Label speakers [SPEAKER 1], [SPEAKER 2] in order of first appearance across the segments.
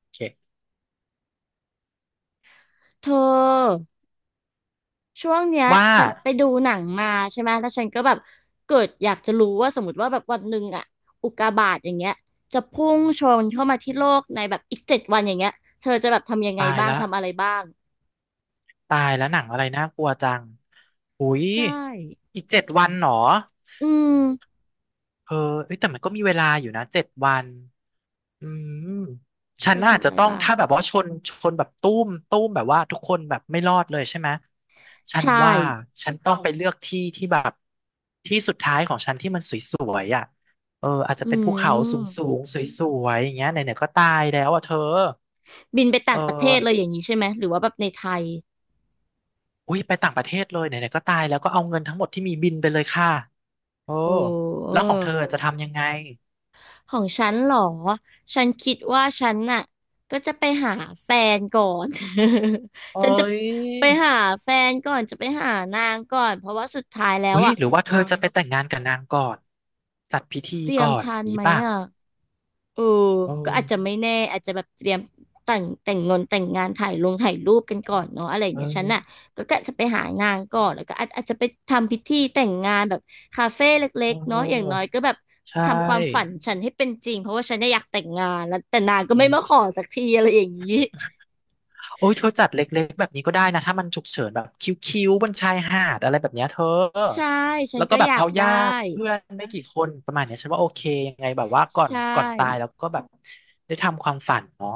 [SPEAKER 1] โอเค
[SPEAKER 2] เธอช่วงเนี้ย
[SPEAKER 1] ว่า
[SPEAKER 2] ฉันไปดูหนังมาใช่ไหมแล้วฉันก็แบบเกิดอยากจะรู้ว่าสมมติว่าแบบวันหนึ่งอะอุกกาบาตอย่างเงี้ยจะพุ่งชนเข้ามาที่โลกในแบบอีก7 วันอย่างเงี้ยเธอจะแบบทำยังไง
[SPEAKER 1] ตาย
[SPEAKER 2] บ้าง
[SPEAKER 1] ละ
[SPEAKER 2] ทำอะไรบ้าง
[SPEAKER 1] ตายแล้วหนังอะไรน่ากลัวจังหุย
[SPEAKER 2] ใช่
[SPEAKER 1] อีกเจ็ดวันเหรอ
[SPEAKER 2] อืม
[SPEAKER 1] เออเอ้ยแต่มันก็มีเวลาอยู่นะเจ็ดวันอืมฉั
[SPEAKER 2] เธ
[SPEAKER 1] น
[SPEAKER 2] อ
[SPEAKER 1] อาจ
[SPEAKER 2] ทำอะ
[SPEAKER 1] จะ
[SPEAKER 2] ไร
[SPEAKER 1] ต้อง
[SPEAKER 2] บ้าง
[SPEAKER 1] ถ้าแบบว่าชนแบบตุ้มตุ้มแบบว่าทุกคนแบบไม่รอดเลยใช่ไหมฉัน
[SPEAKER 2] ใช่
[SPEAKER 1] ว่าฉันต้องไปเลือกที่แบบที่สุดท้ายของฉันที่มันสวยๆอ่ะเอออาจจะ
[SPEAKER 2] อื
[SPEAKER 1] เป็นภูเขาสูง
[SPEAKER 2] ม
[SPEAKER 1] ๆสวยๆอย่างเงี้ยไหนๆก็ตายแล้วอ่ะเธอ
[SPEAKER 2] บินไป
[SPEAKER 1] เอ
[SPEAKER 2] ต่างประเทศเลยอ
[SPEAKER 1] อ
[SPEAKER 2] ย่างนี้ใช่ไหมหรือว่าแบบในไทย
[SPEAKER 1] อุ้ยไปต่างประเทศเลยไหนๆก็ตายแล้วก็เอาเงินทั้งหมดที่มีบินไปเลยค่ะโอ้
[SPEAKER 2] โอ
[SPEAKER 1] แล้
[SPEAKER 2] ้
[SPEAKER 1] วของเธอจะทำยังไง
[SPEAKER 2] ของฉันเหรอฉันคิดว่าฉันน่ะก็จะไปหาแฟนก่อน
[SPEAKER 1] โอ้
[SPEAKER 2] ฉันจะ
[SPEAKER 1] ย
[SPEAKER 2] ไปหาแฟนก่อนจะไปหานางก่อนเพราะว่าสุดท้ายแล้ว
[SPEAKER 1] อุ้ย
[SPEAKER 2] อ่ะ
[SPEAKER 1] หรือว่าเธอจะไปแต่งงานกับนางก่อนจัดพิธี
[SPEAKER 2] เตรีย
[SPEAKER 1] ก่
[SPEAKER 2] ม
[SPEAKER 1] อน
[SPEAKER 2] ทัน
[SPEAKER 1] นี้
[SPEAKER 2] ไหม
[SPEAKER 1] ป่ะ
[SPEAKER 2] อ่ะ เออ
[SPEAKER 1] เอ
[SPEAKER 2] ก็
[SPEAKER 1] อ
[SPEAKER 2] อาจจะไม่แน่อาจจะแบบเตรียมแต่งงานถ่ายรูปกันก่อนเนาะอะไรอย่าง
[SPEAKER 1] เอ
[SPEAKER 2] เงี้ยฉันน่ะ
[SPEAKER 1] อ
[SPEAKER 2] ก็กะจะไปหางานก่อนแล้วก็อาจจะไปทำพิธีแต่งงานแบบคาเฟ่เล็
[SPEAKER 1] เ
[SPEAKER 2] กๆเนาะอย่างน้อ
[SPEAKER 1] ออ
[SPEAKER 2] ยก็แบบ
[SPEAKER 1] ใช
[SPEAKER 2] ทำความฝัน
[SPEAKER 1] ่
[SPEAKER 2] ฉันให้เป็นจริงเพราะว่าฉันเนี่ยอยากแต่งงานแล้วแต่นางก็ไม่มาข
[SPEAKER 1] เออ
[SPEAKER 2] อสักทีอะไรอย่างงี้
[SPEAKER 1] โอ้ยเธอจัดเล็กๆแบบนี้ก็ได้นะถ้ามันฉุกเฉินแบบคิ้วๆบนชายหาดอะไรแบบเนี้ยเธอ
[SPEAKER 2] ใช่ฉั
[SPEAKER 1] แล้
[SPEAKER 2] น
[SPEAKER 1] วก็
[SPEAKER 2] ก็
[SPEAKER 1] แบ
[SPEAKER 2] อ
[SPEAKER 1] บ
[SPEAKER 2] ยาก
[SPEAKER 1] เอา
[SPEAKER 2] ได้
[SPEAKER 1] ญาติเพื่อนไม่กี่คนประมาณเนี้ยฉันว่าโอเคยังไงแบบว่าก่อน
[SPEAKER 2] ใช่
[SPEAKER 1] ก่อนตายแล้วก็แบบได้ทำความฝันเนาะ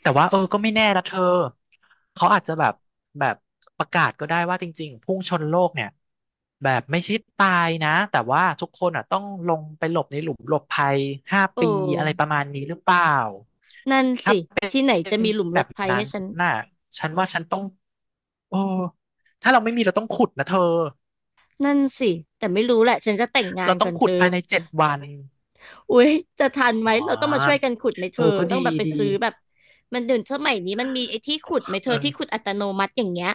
[SPEAKER 1] แต่ว่าเออก็ไม่แน่นะเธอเขาอาจจะแบบประกาศก็ได้ว่าจริงๆพุ่งชนโลกเนี่ยแบบไม่ใช่ตายนะแต่ว่าทุกคนอ่ะต้องลงไปหลบในหลุมหลบภัยห้า
[SPEAKER 2] โอ
[SPEAKER 1] ปีอะไร
[SPEAKER 2] ้
[SPEAKER 1] ประมาณนี้หรือเปล่า
[SPEAKER 2] นั่นสิที่ไหน
[SPEAKER 1] เป็
[SPEAKER 2] จะ
[SPEAKER 1] น
[SPEAKER 2] มีหลุม
[SPEAKER 1] แบ
[SPEAKER 2] รถ
[SPEAKER 1] บ
[SPEAKER 2] ภัย
[SPEAKER 1] นั้
[SPEAKER 2] ให้
[SPEAKER 1] น
[SPEAKER 2] ฉัน
[SPEAKER 1] น่ะฉันว่าฉันต้องโอ้ถ้าเราไม่มีเราต้องขุดนะเธอ
[SPEAKER 2] นั่นสิแต่ไม่รู้แหละฉันจะแต่งงา
[SPEAKER 1] เรา
[SPEAKER 2] น
[SPEAKER 1] ต้อ
[SPEAKER 2] ก่
[SPEAKER 1] ง
[SPEAKER 2] อน
[SPEAKER 1] ขุ
[SPEAKER 2] เธ
[SPEAKER 1] ด
[SPEAKER 2] อ
[SPEAKER 1] ภายในเจ็ดวัน
[SPEAKER 2] อุ๊ยจะทันไหม
[SPEAKER 1] อ๋
[SPEAKER 2] เราต้องมาช่วย
[SPEAKER 1] อ
[SPEAKER 2] กันขุดไหมเธ
[SPEAKER 1] เอ
[SPEAKER 2] อ
[SPEAKER 1] อ ก็
[SPEAKER 2] ต้อง
[SPEAKER 1] ดี
[SPEAKER 2] แบบไป
[SPEAKER 1] ดี
[SPEAKER 2] ซื้อแบบมันเดี๋ยวสมัยนี้มันมีไอ้ที่ขุดไหมเธอที่ขุด
[SPEAKER 1] เออ
[SPEAKER 2] อัตโนมัติอย่างเงี้ย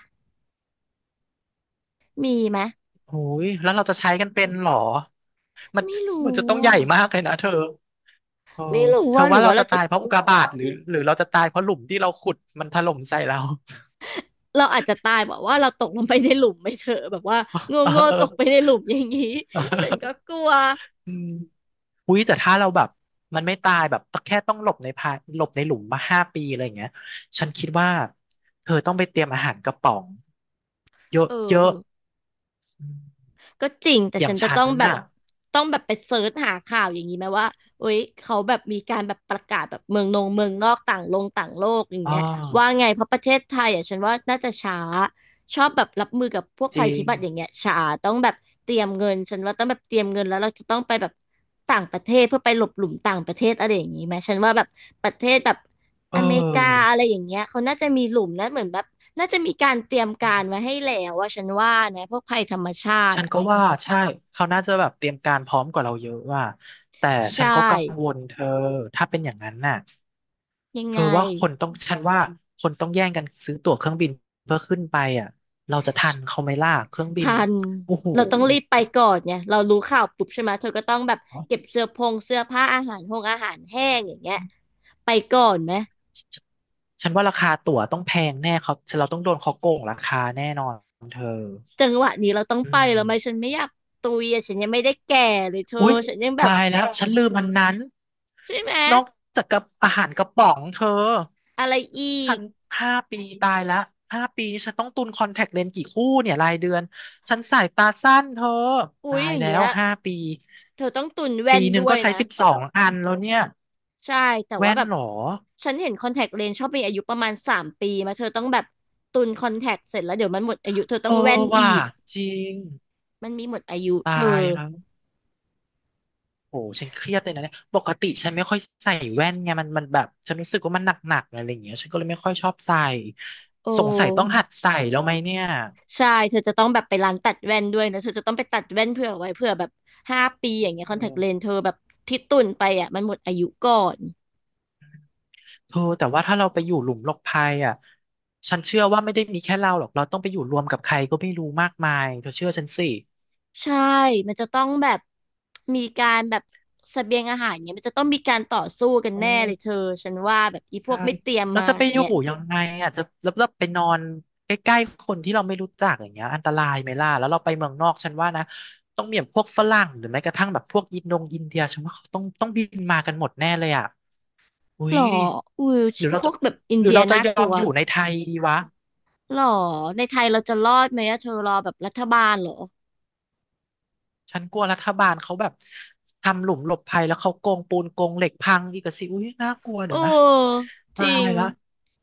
[SPEAKER 2] มีไหม
[SPEAKER 1] โอ้ยแล้วเราจะใช้กันเป็นเหรอ มัน
[SPEAKER 2] ไม่
[SPEAKER 1] มัน
[SPEAKER 2] รู้
[SPEAKER 1] จะต้องใหญ่
[SPEAKER 2] อ่ะ
[SPEAKER 1] มากเลยนะเธอเออ
[SPEAKER 2] ไม่รู้
[SPEAKER 1] เธอ
[SPEAKER 2] ว่าหรื
[SPEAKER 1] ว่า
[SPEAKER 2] อ
[SPEAKER 1] เรา
[SPEAKER 2] ว่าเรา
[SPEAKER 1] จะ
[SPEAKER 2] จะ
[SPEAKER 1] ตายเพราะอุกกาบาตหรือเราจะตายเพราะหลุมที่เราขุดมันถล่มใส่เรา
[SPEAKER 2] เราอาจจะตายแบบว่าเราตกลงไปในหลุมไหมเธอแบบว่าโ
[SPEAKER 1] เ
[SPEAKER 2] ง่ๆตกไปใน
[SPEAKER 1] ออ
[SPEAKER 2] หลุมอย่างงี้ฉันก็กลัว
[SPEAKER 1] อืมอุ้ยแต่ถ้าเราแบบมันไม่ตายแบบแค่ต้องหลบในพาหลบในหลุมมาห้าปีอะไรอย่างเงี้ยฉันคิดว่าเธอต้องไปเตรียมอาหารกระป๋องเยอะ
[SPEAKER 2] เออ
[SPEAKER 1] เยอะอม
[SPEAKER 2] ก็จริงแต่
[SPEAKER 1] อย่า
[SPEAKER 2] ฉั
[SPEAKER 1] ง
[SPEAKER 2] นจะ
[SPEAKER 1] ฉั
[SPEAKER 2] ต้
[SPEAKER 1] น
[SPEAKER 2] องแบบ
[SPEAKER 1] น่ะ
[SPEAKER 2] ต้องแบบไปเซิร์ชหาข่าวอย่างนี้ไหมว่าโอ๊ยเขาแบบมีการแบบประกาศแบบเมืองนอกต่างโลกอย่าง
[SPEAKER 1] อ๋อ
[SPEAKER 2] เงี้ยว่าไงเพราะประเทศไทยอ่ะฉันว่าน่าจะช้าชอบแบบรับมือกับพวก
[SPEAKER 1] จ
[SPEAKER 2] ภัย
[SPEAKER 1] ริ
[SPEAKER 2] พิ
[SPEAKER 1] ง
[SPEAKER 2] บัติอย่างเงี้ยช้าต้องแบบเตรียมเงินฉันว่าต้องแบบเตรียมเงินแล้วเราจะต้องไปแบบต่างประเทศเพื่อไปหลบหลุมต่างประเทศอะไรอย่างนี้ไหมฉันว่าแบบประเทศแบบ
[SPEAKER 1] เ
[SPEAKER 2] อเมริกา
[SPEAKER 1] ออ
[SPEAKER 2] อะไรอย่างเงี้ยเขาน่าจะมีหลุมนะเหมือนแบบน่าจะมีการเตรียมการไว้ให้แล้วว่าฉันว่านะพวกภัยธรรมชาติ
[SPEAKER 1] ฉันก็ว่าใช่เขาน่าจะแบบเตรียมการพร้อมกว่าเราเยอะว่าแต่ฉั
[SPEAKER 2] ใช่
[SPEAKER 1] นก็กังวลเธอถ้าเป็นอย่างนั้นน่ะ
[SPEAKER 2] ยัง
[SPEAKER 1] เธ
[SPEAKER 2] ไง
[SPEAKER 1] อว่าคนต้องฉันว่าคนต้องแย่งกันซื้อตั๋วเครื่องบินเพื่อขึ้นไปอ่ะเราจะทันเขาไหมล่ะเครื่องบิน
[SPEAKER 2] ทัน
[SPEAKER 1] โอ้โห
[SPEAKER 2] เราต้องรีบไปก่อนไงเรารู้ข่าวปุ๊บใช่ไหมเธอก็ต้องแบบเก็บเสื้อผ้าอาหารแห้งอย่างเงี้ยไปก่อนไหม
[SPEAKER 1] ฉฉันว่าราคาตั๋วต้องแพงแน่เขาเราต้องโดนเขาโกงราคาแน่นอนเธอ
[SPEAKER 2] จังหวะนี้เราต้อง
[SPEAKER 1] อื
[SPEAKER 2] ไปแล้วไหมฉัน
[SPEAKER 1] ม
[SPEAKER 2] ไม่อยากตุยอะฉันยังไม่ได้แก่เลยเธอ
[SPEAKER 1] อุ๊ย
[SPEAKER 2] ฉันยังแบบ
[SPEAKER 1] ตายแล้วฉันลืมมันนั้น
[SPEAKER 2] ใช่ไหม
[SPEAKER 1] นอกจากกับอาหารกระป๋องเธอ
[SPEAKER 2] อะไรอี
[SPEAKER 1] ฉั
[SPEAKER 2] ก
[SPEAKER 1] น5 ปีตายละห้าปีนี่ฉันต้องตุนคอนแทคเลนส์กี่คู่เนี่ยรายเดือนฉันสายตาสั้นเธอ
[SPEAKER 2] อุ๊
[SPEAKER 1] ตา
[SPEAKER 2] ยอ
[SPEAKER 1] ย
[SPEAKER 2] ย่าง
[SPEAKER 1] แล้
[SPEAKER 2] เงี้
[SPEAKER 1] ว
[SPEAKER 2] ย
[SPEAKER 1] ห้าปี
[SPEAKER 2] เธอต้องตุนแว่
[SPEAKER 1] ปี
[SPEAKER 2] น
[SPEAKER 1] หนึ่ง
[SPEAKER 2] ด้ว
[SPEAKER 1] ก็
[SPEAKER 2] ย
[SPEAKER 1] ใช้
[SPEAKER 2] นะ
[SPEAKER 1] 12 อันแล้วเนี่ย
[SPEAKER 2] ใช่แต่ว่า
[SPEAKER 1] แว่น
[SPEAKER 2] แบบ
[SPEAKER 1] เหรอ
[SPEAKER 2] ฉันเห็นคอนแทคเลนส์ชอบมีอายุประมาณ3 ปีมาเธอต้องแบบตุนคอนแทคเสร็จแล้วเดี๋ยวมันหมดอายุเธอต้อ
[SPEAKER 1] เอ
[SPEAKER 2] ง
[SPEAKER 1] อ
[SPEAKER 2] แว่นอี
[SPEAKER 1] ว่ะ
[SPEAKER 2] ก
[SPEAKER 1] จริง
[SPEAKER 2] มันมีหมดอายุเธ
[SPEAKER 1] ตา
[SPEAKER 2] อ
[SPEAKER 1] ยแล้วโหฉันเครียดเลยนะเนี่ยปกติฉันไม่ค่อยใส่แว่นไงมันแบบฉันรู้สึกว่ามันหนักๆอะไรอย่างเงี้ยฉันก็เลยไม่ค่อยชอบใส่
[SPEAKER 2] โอ
[SPEAKER 1] สงสัยต้อง
[SPEAKER 2] ้
[SPEAKER 1] หัดใส่แล้วไหมเนี่ย
[SPEAKER 2] ใช่เธอจะต้องแบบไปร้านตัดแว่นด้วยนะเธอจะต้องไปตัดแว่นเผื่อไว้เผื่อแบบ5 ปีอย่างเงี้ย
[SPEAKER 1] เอ
[SPEAKER 2] คอนแทคเลน
[SPEAKER 1] อ
[SPEAKER 2] เธอแบบที่ตุ่นไปอ่ะมันหมดอายุก่อน
[SPEAKER 1] เธอแต่ว่าถ้าเราไปอยู่หลุมหลบภัยอ่ะฉันเชื่อว่าไม่ได้มีแค่เราหรอกเราต้องไปอยู่รวมกับใครก็ไม่รู้มากมายเธอเชื่อฉันสิ
[SPEAKER 2] ใช่มันจะต้องแบบมีการแบบเสบียงอาหารเงี้ยมันจะต้องมีการต่อสู้กัน
[SPEAKER 1] เอ
[SPEAKER 2] แน่เลยเธอ
[SPEAKER 1] อ
[SPEAKER 2] ฉันว่าแบบอีพว
[SPEAKER 1] ใช่
[SPEAKER 2] กไม่เตรียม
[SPEAKER 1] เรา
[SPEAKER 2] มา
[SPEAKER 1] จะไป
[SPEAKER 2] อย่าง
[SPEAKER 1] อยู่
[SPEAKER 2] เงี้ย
[SPEAKER 1] ยังไงอ่ะจะแล้วเราไปนอนใกล้ๆคนที่เราไม่รู้จักอย่างเงี้ยอันตรายไหมล่ะแล้วเราไปเมืองนอกฉันว่านะต้องมีแบบพวกฝรั่งหรือแม้กระทั่งแบบพวกอินโดงอินเดียฉันว่าเขาต้องบินมากันหมดแน่เลยอ่ะอุ้
[SPEAKER 2] หรอ
[SPEAKER 1] ย
[SPEAKER 2] อุ้ย
[SPEAKER 1] หรือเรา
[SPEAKER 2] พว
[SPEAKER 1] จะ
[SPEAKER 2] กแบบอิน
[SPEAKER 1] หรือ
[SPEAKER 2] เดีย
[SPEAKER 1] เราจะ
[SPEAKER 2] น่า
[SPEAKER 1] ยอ
[SPEAKER 2] กลั
[SPEAKER 1] ม
[SPEAKER 2] ว
[SPEAKER 1] อยู่ในไทยดีวะ
[SPEAKER 2] หรอในไทยเราจะรอดไหมอะเธอรอแบบรัฐบาลเหรอ
[SPEAKER 1] ฉันกลัวรัฐบาลเขาแบบทำหลุมหลบภัยแล้วเขาโกงปูนโกงเหล็กพังอีกอะสิอุ้ยน่ากลัว
[SPEAKER 2] เ
[SPEAKER 1] เดี๋ยวนะ
[SPEAKER 2] ออจ
[SPEAKER 1] ตา
[SPEAKER 2] ริง
[SPEAKER 1] ยละ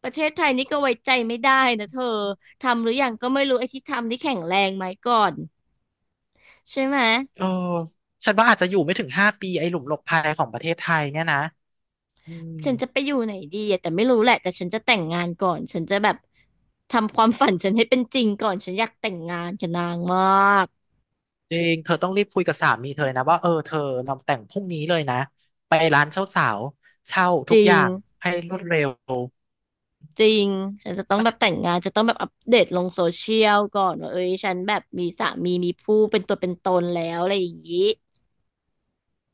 [SPEAKER 2] ประเทศไทยนี่ก็ไว้ใจไม่ได้นะเธอทำหรือยังก็ไม่รู้ไอ้ที่ทำนี่แข็งแรงไหมก่อนใช่ไหม
[SPEAKER 1] เออฉันว่าอาจจะอยู่ไม่ถึงห้าปีไอ้หลุมหลบภัยของประเทศไทยเนี่ยนะอืม
[SPEAKER 2] ฉันจะไปอยู่ไหนดีอะแต่ไม่รู้แหละแต่ฉันจะแต่งงานก่อนฉันจะแบบทำความฝันฉันให้เป็นจริงก่อนฉันอยากแต่งงานกับนางมาก
[SPEAKER 1] จริงเธอต้องรีบคุยกับสามีเธอเลยนะว่าเออเธอเราแต่งพรุ่งนี้เลยนะไปร้านเช่าสาวเช่า
[SPEAKER 2] จ
[SPEAKER 1] ทุก
[SPEAKER 2] ริ
[SPEAKER 1] อ
[SPEAKER 2] ง
[SPEAKER 1] ย่างให้รวดเร็ว
[SPEAKER 2] จริงฉันจะต้องแบบแต่งงานจะต้องแบบอัปเดตลงโซเชียลก่อนว่าเอ้ยฉันแบบมีสามีมีผู้เป็นตัวเป็นตนแล้วอะไรอย่างนี้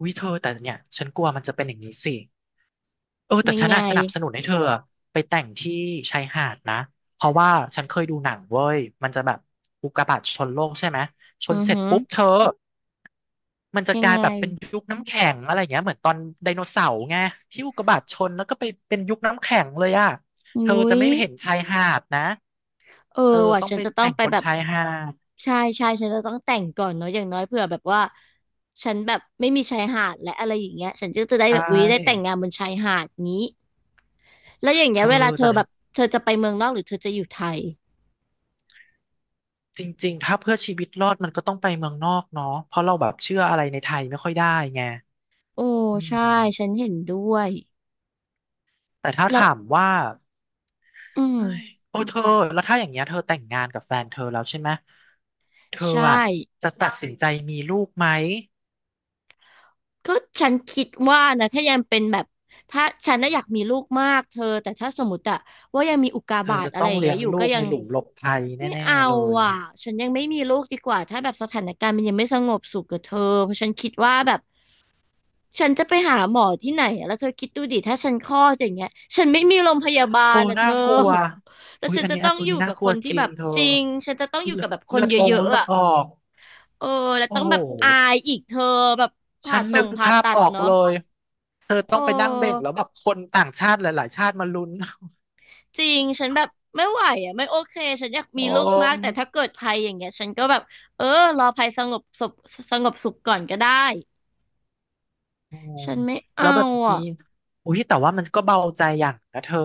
[SPEAKER 1] อุ้ยเธอแต่เนี่ยฉันกลัวมันจะเป็นอย่างนี้สิ เออแต่
[SPEAKER 2] ยัง
[SPEAKER 1] ฉัน
[SPEAKER 2] ไง
[SPEAKER 1] น่ะสนับสนุนให้เธอไปแต่งที่ชายหาดนะเพราะว่าฉันเคยดูหนังเว้ยมันจะแบบอุกกาบาตชนโลกใช่ไหมชน
[SPEAKER 2] อือ
[SPEAKER 1] เสร็จ
[SPEAKER 2] ฮึ
[SPEAKER 1] ปุ๊บเธอมันจะ
[SPEAKER 2] ยั
[SPEAKER 1] ก
[SPEAKER 2] ง
[SPEAKER 1] ลาย
[SPEAKER 2] ไง
[SPEAKER 1] แบบเป็นยุคน้ำแข็งอะไรเงี้ยเหมือนตอนไดโนเสาร์ไงที่อุกกาบาตชนแล้วก็ไปเป็นยุคน้ำแข็งเลยอ่ะ
[SPEAKER 2] อุ
[SPEAKER 1] เธอ
[SPEAKER 2] ้
[SPEAKER 1] จะ
[SPEAKER 2] ย
[SPEAKER 1] ไม่เห็นชายหาดนะ
[SPEAKER 2] เออ
[SPEAKER 1] เธอ
[SPEAKER 2] ว่ะ
[SPEAKER 1] ต้อง
[SPEAKER 2] ฉั
[SPEAKER 1] ไป
[SPEAKER 2] นจะต้อง
[SPEAKER 1] แต่ง
[SPEAKER 2] ไป
[SPEAKER 1] บน
[SPEAKER 2] แบบ
[SPEAKER 1] ชายหาด
[SPEAKER 2] ใช่ใช่ฉันจะต้องแต่งก่อนเนาะอย่างน้อยเผื่อแบบว่าฉันแบบไม่มีชายหาดและอะไรอย่างเงี้ยฉันก็จะได้
[SPEAKER 1] ใช
[SPEAKER 2] แบบอุ๊ยได้แต่ง
[SPEAKER 1] ่
[SPEAKER 2] งานบนชายหาดงี้แล้วอย่าง
[SPEAKER 1] เธ
[SPEAKER 2] เงี้ย
[SPEAKER 1] อ
[SPEAKER 2] เวลาเธ
[SPEAKER 1] แต่
[SPEAKER 2] อแบบเธอจะไปเมืองนอกหรือเธอจะอยู่ไทย
[SPEAKER 1] จริงๆถ้าเพื่อชีวิตรอดมันก็ต้องไปเมืองนอกเนาะเพราะเราแบบเชื่ออะไรในไทยไม่ค่อยได้ไง
[SPEAKER 2] โอ้
[SPEAKER 1] อื
[SPEAKER 2] ใช่
[SPEAKER 1] ม
[SPEAKER 2] ฉันเห็นด้วย
[SPEAKER 1] แต่ถ้า
[SPEAKER 2] แล้ว
[SPEAKER 1] ถามว่า
[SPEAKER 2] อืม
[SPEAKER 1] เฮ้ยโอ้เธอแล้วถ้าอย่างเงี้ยเธอแต่งงานกับแฟนเธอแล้วใช่ไหมเธอ
[SPEAKER 2] ใช่
[SPEAKER 1] อ่ะจะตัดสินใจมีลูกไหม
[SPEAKER 2] ก็ฉันคิดว่านะถ้ายังเป็นแบบถ้าฉันน่ะอยากมีลูกมากเธอแต่ถ้าสมมติอะว่ายังมีอุกกา
[SPEAKER 1] เธอ
[SPEAKER 2] บาต
[SPEAKER 1] จะ
[SPEAKER 2] อะไร
[SPEAKER 1] ต้อง
[SPEAKER 2] อย่าง
[SPEAKER 1] เลี้
[SPEAKER 2] เงี้
[SPEAKER 1] ย
[SPEAKER 2] ย
[SPEAKER 1] ง
[SPEAKER 2] อยู่
[SPEAKER 1] ลู
[SPEAKER 2] ก็
[SPEAKER 1] ก
[SPEAKER 2] ยั
[SPEAKER 1] ใน
[SPEAKER 2] ง
[SPEAKER 1] หลุมหลบภัย
[SPEAKER 2] ไม่
[SPEAKER 1] แน่
[SPEAKER 2] เอา
[SPEAKER 1] ๆเลย
[SPEAKER 2] อ่ะ
[SPEAKER 1] เนี่ย
[SPEAKER 2] ฉันยังไม่มีลูกดีกว่าถ้าแบบสถานการณ์มันยังไม่สงบสุขกับเธอเพราะฉันคิดว่าแบบฉันจะไปหาหมอที่ไหนอะแล้วเธอคิดดูดิถ้าฉันคลอดอย่างเงี้ยฉันไม่มีโรงพยาบา
[SPEAKER 1] โอ้
[SPEAKER 2] ลอ่ะเธ
[SPEAKER 1] น่า
[SPEAKER 2] อ
[SPEAKER 1] กลัว
[SPEAKER 2] แล้ว
[SPEAKER 1] อุ้ย
[SPEAKER 2] ฉัน
[SPEAKER 1] อัน
[SPEAKER 2] จะ
[SPEAKER 1] นี้อั
[SPEAKER 2] ต้อ
[SPEAKER 1] น
[SPEAKER 2] ง
[SPEAKER 1] อั
[SPEAKER 2] อ
[SPEAKER 1] นนี้
[SPEAKER 2] ยู่
[SPEAKER 1] น่า
[SPEAKER 2] กับ
[SPEAKER 1] ก
[SPEAKER 2] ค
[SPEAKER 1] ลัว
[SPEAKER 2] น
[SPEAKER 1] จ
[SPEAKER 2] ที่
[SPEAKER 1] ริ
[SPEAKER 2] แบ
[SPEAKER 1] ง
[SPEAKER 2] บ
[SPEAKER 1] เธอ
[SPEAKER 2] จริงฉันจะต้องอยู่
[SPEAKER 1] เลือ
[SPEAKER 2] กับ
[SPEAKER 1] ด
[SPEAKER 2] แบบค
[SPEAKER 1] เลื
[SPEAKER 2] น
[SPEAKER 1] อดอ
[SPEAKER 2] เย
[SPEAKER 1] งค์
[SPEAKER 2] อะ
[SPEAKER 1] เลื
[SPEAKER 2] ๆ
[SPEAKER 1] อด
[SPEAKER 2] อ่ะ
[SPEAKER 1] ออก
[SPEAKER 2] เออแล้ว
[SPEAKER 1] โอ้
[SPEAKER 2] ต้อง
[SPEAKER 1] โห
[SPEAKER 2] แบบอายอีกเธอแบบ
[SPEAKER 1] ฉั
[SPEAKER 2] ผ่า
[SPEAKER 1] น
[SPEAKER 2] ตร
[SPEAKER 1] นึ
[SPEAKER 2] ง
[SPEAKER 1] ก
[SPEAKER 2] ผ่า
[SPEAKER 1] ภาพ
[SPEAKER 2] ตัด
[SPEAKER 1] ออก
[SPEAKER 2] เนาะ
[SPEAKER 1] เลย เธอต้
[SPEAKER 2] เอ
[SPEAKER 1] องไปนั่งเบ่ง
[SPEAKER 2] อ
[SPEAKER 1] แล้วแบบคนต่างชาติหลายๆชาติมาลุ้น
[SPEAKER 2] จริง ฉันแบบไม่ไหวอ่ะไม่โอเค ฉันอยาก มี
[SPEAKER 1] โอ้
[SPEAKER 2] ลูกมาก แต่ถ้าเกิดภัยอย่างเงี้ยฉันก็แบบเออรอภัยสงบสุขสงบสุขก่อนก็ได้
[SPEAKER 1] โอ้
[SPEAKER 2] ฉันไม่
[SPEAKER 1] แล้
[SPEAKER 2] เอา
[SPEAKER 1] วแบบ
[SPEAKER 2] อ่ะ
[SPEAKER 1] นี้อุ้ยแต่ว่ามันก็เบาใจอย่างนะเธอ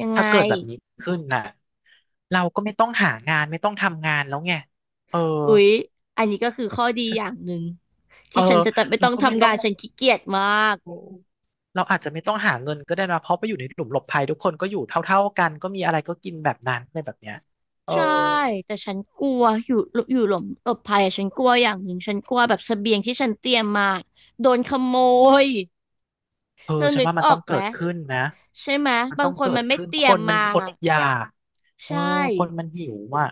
[SPEAKER 2] ยังไง
[SPEAKER 1] ถ้าเกิดแบบนี้ขึ้นน่ะเราก็ไม่ต้องหางานไม่ต้องทำงานแล้วไงเออ
[SPEAKER 2] อุ๊ยอันนี้ก็คือข้อดีอย่างหนึ่ง
[SPEAKER 1] เออ
[SPEAKER 2] ที่ฉันจะไม่
[SPEAKER 1] เรา
[SPEAKER 2] ต้อง
[SPEAKER 1] ก็ไม่
[SPEAKER 2] ทำ
[SPEAKER 1] ต้อ
[SPEAKER 2] งา
[SPEAKER 1] ง
[SPEAKER 2] นฉันขี้เกียจมาก
[SPEAKER 1] โอ้เราอาจจะไม่ต้องหาเงินก็ได้นะเพราะไปอยู่ในหลุมหลบภัยทุกคนก็อยู่เท่าๆกันก็มีอะไรก็กินแบบนั้นอะไรแบบเนี้ยเออ
[SPEAKER 2] ใช่แต่ฉันกลัวอยู่อยู่หลบภัยอะฉันกลัวอย่างหนึ่งฉันกลัวแบบเสบียงที่ฉันเตรียมมาโดนขโมย
[SPEAKER 1] เออ
[SPEAKER 2] เธอ
[SPEAKER 1] ฉัน
[SPEAKER 2] นึก
[SPEAKER 1] ว่ามั
[SPEAKER 2] อ
[SPEAKER 1] น
[SPEAKER 2] อ
[SPEAKER 1] ต้อ
[SPEAKER 2] ก
[SPEAKER 1] ง
[SPEAKER 2] ไห
[SPEAKER 1] เกิ
[SPEAKER 2] ม
[SPEAKER 1] ดขึ้นนะ
[SPEAKER 2] ใช่ไหม
[SPEAKER 1] มัน
[SPEAKER 2] บา
[SPEAKER 1] ต้
[SPEAKER 2] ง
[SPEAKER 1] อง
[SPEAKER 2] คน
[SPEAKER 1] เกิ
[SPEAKER 2] มั
[SPEAKER 1] ด
[SPEAKER 2] นไม่
[SPEAKER 1] ขึ้น
[SPEAKER 2] เตรี
[SPEAKER 1] ค
[SPEAKER 2] ยม
[SPEAKER 1] นมัน
[SPEAKER 2] มา
[SPEAKER 1] อดอยากเออ
[SPEAKER 2] ใช่
[SPEAKER 1] คนมันหิวอ่ะ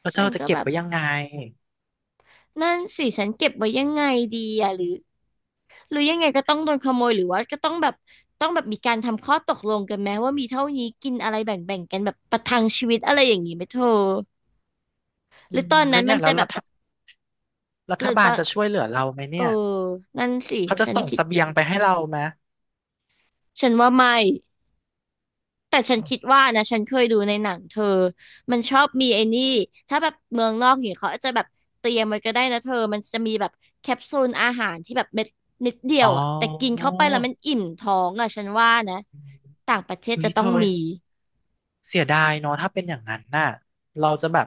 [SPEAKER 1] แล้วเธ
[SPEAKER 2] ฉั
[SPEAKER 1] อ
[SPEAKER 2] น
[SPEAKER 1] จะ
[SPEAKER 2] ก็
[SPEAKER 1] เก็
[SPEAKER 2] แบ
[SPEAKER 1] บ
[SPEAKER 2] บ
[SPEAKER 1] ไว้ยังไง
[SPEAKER 2] นั่นสิฉันเก็บไว้ยังไงดีอะหรือหรือยังไงก็ต้องโดนขโมยหรือว่าก็ต้องแบบต้องแบบมีการทำข้อตกลงกันไหมว่ามีเท่านี้กินอะไรแบ่งแบ่งกันแบบประทังชีวิตอะไรอย่างนี้ไหมเธอห
[SPEAKER 1] อื
[SPEAKER 2] รือ
[SPEAKER 1] ม
[SPEAKER 2] ตอน
[SPEAKER 1] แล้
[SPEAKER 2] นั้
[SPEAKER 1] ว
[SPEAKER 2] นมั
[SPEAKER 1] เนี่ย
[SPEAKER 2] น
[SPEAKER 1] แล้
[SPEAKER 2] จะ
[SPEAKER 1] ว
[SPEAKER 2] แบ
[SPEAKER 1] รั
[SPEAKER 2] บ
[SPEAKER 1] ฐรั
[SPEAKER 2] ห
[SPEAKER 1] ฐ
[SPEAKER 2] รือต
[SPEAKER 1] บา
[SPEAKER 2] อ
[SPEAKER 1] ล
[SPEAKER 2] น
[SPEAKER 1] จะช่วยเหลือเราไหม
[SPEAKER 2] เอ
[SPEAKER 1] เนี่
[SPEAKER 2] อ
[SPEAKER 1] ย
[SPEAKER 2] นั่นสิ
[SPEAKER 1] เขาจะ
[SPEAKER 2] ฉัน
[SPEAKER 1] ส่ง
[SPEAKER 2] คิ
[SPEAKER 1] เส
[SPEAKER 2] ด
[SPEAKER 1] บียงไปให้เราไหม
[SPEAKER 2] ฉันว่าไม่ แต่ฉันคิดว่านะฉันเคยดูในหนังเธอมันชอบมีไอ้นี่ ถ้าแบบเมืองนอกอย่างเงี้ยเขาอาจจะแบบเตรียมไว้ก็ได้นะเธอมันจะมีแบบแคปซูลอาหารที่แบบเม็ดนิดเดีย
[SPEAKER 1] อ๋อ
[SPEAKER 2] วอ่ะแต่กินเข้าไปแล้วมันอิ่มท้องอ่ะฉันว่านะต่างประเทศ
[SPEAKER 1] อุ้
[SPEAKER 2] จะ
[SPEAKER 1] ย
[SPEAKER 2] ต้
[SPEAKER 1] เธ
[SPEAKER 2] อง
[SPEAKER 1] อ
[SPEAKER 2] มี
[SPEAKER 1] เสียดายเนาะถ้าเป็นอย่างนั้นน่ะเราจะแบบ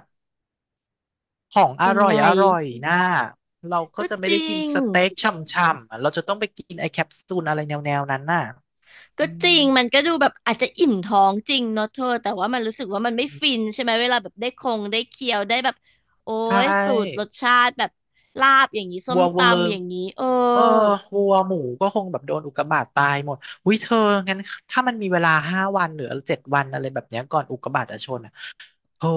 [SPEAKER 1] ของอ
[SPEAKER 2] ยัง
[SPEAKER 1] ร่อย
[SPEAKER 2] ไง
[SPEAKER 1] อร่อยน่ะเราก็
[SPEAKER 2] ก็
[SPEAKER 1] จะไม่
[SPEAKER 2] จ
[SPEAKER 1] ได้
[SPEAKER 2] ริ
[SPEAKER 1] กิน
[SPEAKER 2] ง
[SPEAKER 1] สเต็กช่ำๆอ่ะเราจะต้องไปกินไอแคปซูลอะไรแนวๆนั้นน่ะ
[SPEAKER 2] ก็
[SPEAKER 1] อื
[SPEAKER 2] จริ
[SPEAKER 1] ม
[SPEAKER 2] งมันก็ดูแบบอาจจะอิ่มท้องจริงเนาะเธอแต่ว่ามันรู้สึกว่ามันไม่ฟินใช่ไหมเวลาแบบได้คงได้เคี้ยวได้แบบโอ้
[SPEAKER 1] ใช
[SPEAKER 2] ยสูตรร
[SPEAKER 1] ่
[SPEAKER 2] สชาติแบบลาบอย่างนี้ส้
[SPEAKER 1] วั
[SPEAKER 2] ม
[SPEAKER 1] วเวอร์
[SPEAKER 2] ตำอย่างนี้เออ
[SPEAKER 1] เออวัวหมูก็คงแบบโดนอุกกาบาตตายหมดอุ้ยเธองั้นถ้ามันมีเวลา5 วันหรือเจ็ดวันอะไรแบบเนี้ยก่อนอุกกาบาตจะชนอ่ะเธอ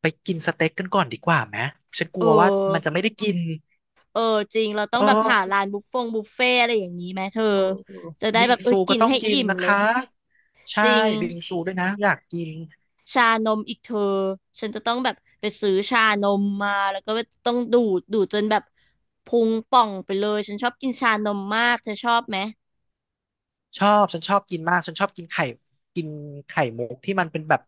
[SPEAKER 1] ไปกินสเต็กกันก่อนดีกว่าไหมฉันก
[SPEAKER 2] เอ
[SPEAKER 1] ลั
[SPEAKER 2] อ
[SPEAKER 1] วว่ามันจะไม่ได้กิน
[SPEAKER 2] เออจริงเรา
[SPEAKER 1] เ
[SPEAKER 2] ต้องแบบหา
[SPEAKER 1] ออ
[SPEAKER 2] ร้านบุฟเฟ่อะไรอย่างนี้ไหมเธอ
[SPEAKER 1] เออเออ
[SPEAKER 2] จะได้
[SPEAKER 1] บิ
[SPEAKER 2] แบ
[SPEAKER 1] ง
[SPEAKER 2] บเออ
[SPEAKER 1] ซูก็
[SPEAKER 2] กิน
[SPEAKER 1] ต้อง
[SPEAKER 2] ให้
[SPEAKER 1] กิน
[SPEAKER 2] อิ่ม
[SPEAKER 1] นะ
[SPEAKER 2] เลย
[SPEAKER 1] คะ ใช่
[SPEAKER 2] จริง
[SPEAKER 1] บิงซูด้วยนะ อยากกิน
[SPEAKER 2] ชานมอีกเธอฉันจะต้องแบบไปซื้อชานมมาแล้วก็ต้องดูดดูดจนแบบพุงป่องไปเลยฉันชอบกินชานมมากเธอชอบไหม
[SPEAKER 1] ชอบ ฉันชอบกินมาก ฉันชอบกินไข่กินไข่มุกที่มันเป็นแบบ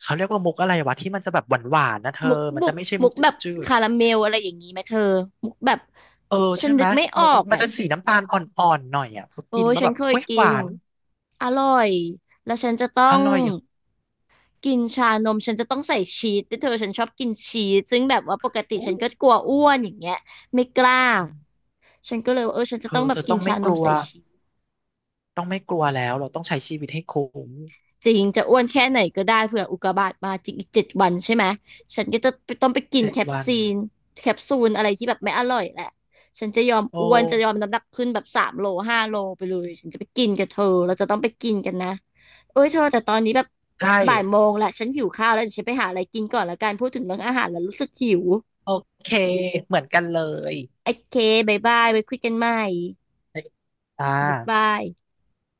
[SPEAKER 1] เขาเรียกว่ามุกอะไรวะที่มันจะแบบหวานๆนะเธอ
[SPEAKER 2] มุก
[SPEAKER 1] มัน
[SPEAKER 2] บุ
[SPEAKER 1] จะ
[SPEAKER 2] ก
[SPEAKER 1] ไม่ใช่
[SPEAKER 2] มุ
[SPEAKER 1] มุ
[SPEAKER 2] ก
[SPEAKER 1] ก
[SPEAKER 2] แบบ
[SPEAKER 1] จืด
[SPEAKER 2] คาราเมลอะไรอย่างนี้ไหมเธอมุกแบบ
[SPEAKER 1] เออ
[SPEAKER 2] ฉั
[SPEAKER 1] ใช่
[SPEAKER 2] น
[SPEAKER 1] ไห
[SPEAKER 2] นึ
[SPEAKER 1] ม
[SPEAKER 2] กไม่อ
[SPEAKER 1] มั
[SPEAKER 2] อ
[SPEAKER 1] น
[SPEAKER 2] ก
[SPEAKER 1] มัน
[SPEAKER 2] อ่ะ
[SPEAKER 1] จะสีน้ำตาลอ่อนๆหน่อยอ่ะพอ
[SPEAKER 2] โอ้
[SPEAKER 1] กิน
[SPEAKER 2] ย
[SPEAKER 1] แล้ว
[SPEAKER 2] ฉั
[SPEAKER 1] แบ
[SPEAKER 2] น
[SPEAKER 1] บ
[SPEAKER 2] เคย
[SPEAKER 1] อุ้ย
[SPEAKER 2] กิ
[SPEAKER 1] หวา
[SPEAKER 2] น
[SPEAKER 1] น
[SPEAKER 2] อร่อยแล้วฉันจะต้อ
[SPEAKER 1] อ
[SPEAKER 2] ง
[SPEAKER 1] ร่อยอ่ะ
[SPEAKER 2] กินชานมฉันจะต้องใส่ชีสแต่เธอฉันชอบกินชีสซึ่งแบบว่าปกติ
[SPEAKER 1] อุ๊
[SPEAKER 2] ฉั
[SPEAKER 1] ย
[SPEAKER 2] นก็กลัวอ้วนอย่างเงี้ยไม่กล้าฉันก็เลยว่าเออฉัน
[SPEAKER 1] เธ
[SPEAKER 2] จะ
[SPEAKER 1] อ
[SPEAKER 2] ต้องแบ
[SPEAKER 1] เธ
[SPEAKER 2] บ
[SPEAKER 1] อ
[SPEAKER 2] กิ
[SPEAKER 1] ต้
[SPEAKER 2] น
[SPEAKER 1] องไม่
[SPEAKER 2] ชา
[SPEAKER 1] ก
[SPEAKER 2] นม
[SPEAKER 1] ลัว
[SPEAKER 2] ใส่ชีส
[SPEAKER 1] ต้องไม่กลัวแล้วเราต้องใช้ชีวิตให้คุ้ม
[SPEAKER 2] จริงจะอ้วนแค่ไหนก็ได้เผื่ออุกกาบาตมาจริงอีก7 วันใช่ไหมฉันก็จะต้องไปกิน
[SPEAKER 1] เจ็ด
[SPEAKER 2] แคป
[SPEAKER 1] วัน
[SPEAKER 2] ซีนแคปซูลอะไรที่แบบไม่อร่อยแหละฉันจะยอม
[SPEAKER 1] โอ้
[SPEAKER 2] อ้วนจะยอมน้ำหนักขึ้นแบบ3 โล5 โลไปเลยฉันจะไปกินกับเธอเราจะต้องไปกินกันนะเอ้ยเธอแต่ตอนนี้แบบ
[SPEAKER 1] ใช่
[SPEAKER 2] บ่ายโมงละฉันหิวข้าวแล้วเดี๋ยวฉันไปหาอะไรกินก่อนละกันพูดถึงเรื่องอาหารแล้วรู้สึกหิว
[SPEAKER 1] โอเคเหมือนกันเลย
[SPEAKER 2] โอเคบายบายไว้คุยกันใหม่
[SPEAKER 1] จ้า
[SPEAKER 2] บายบาย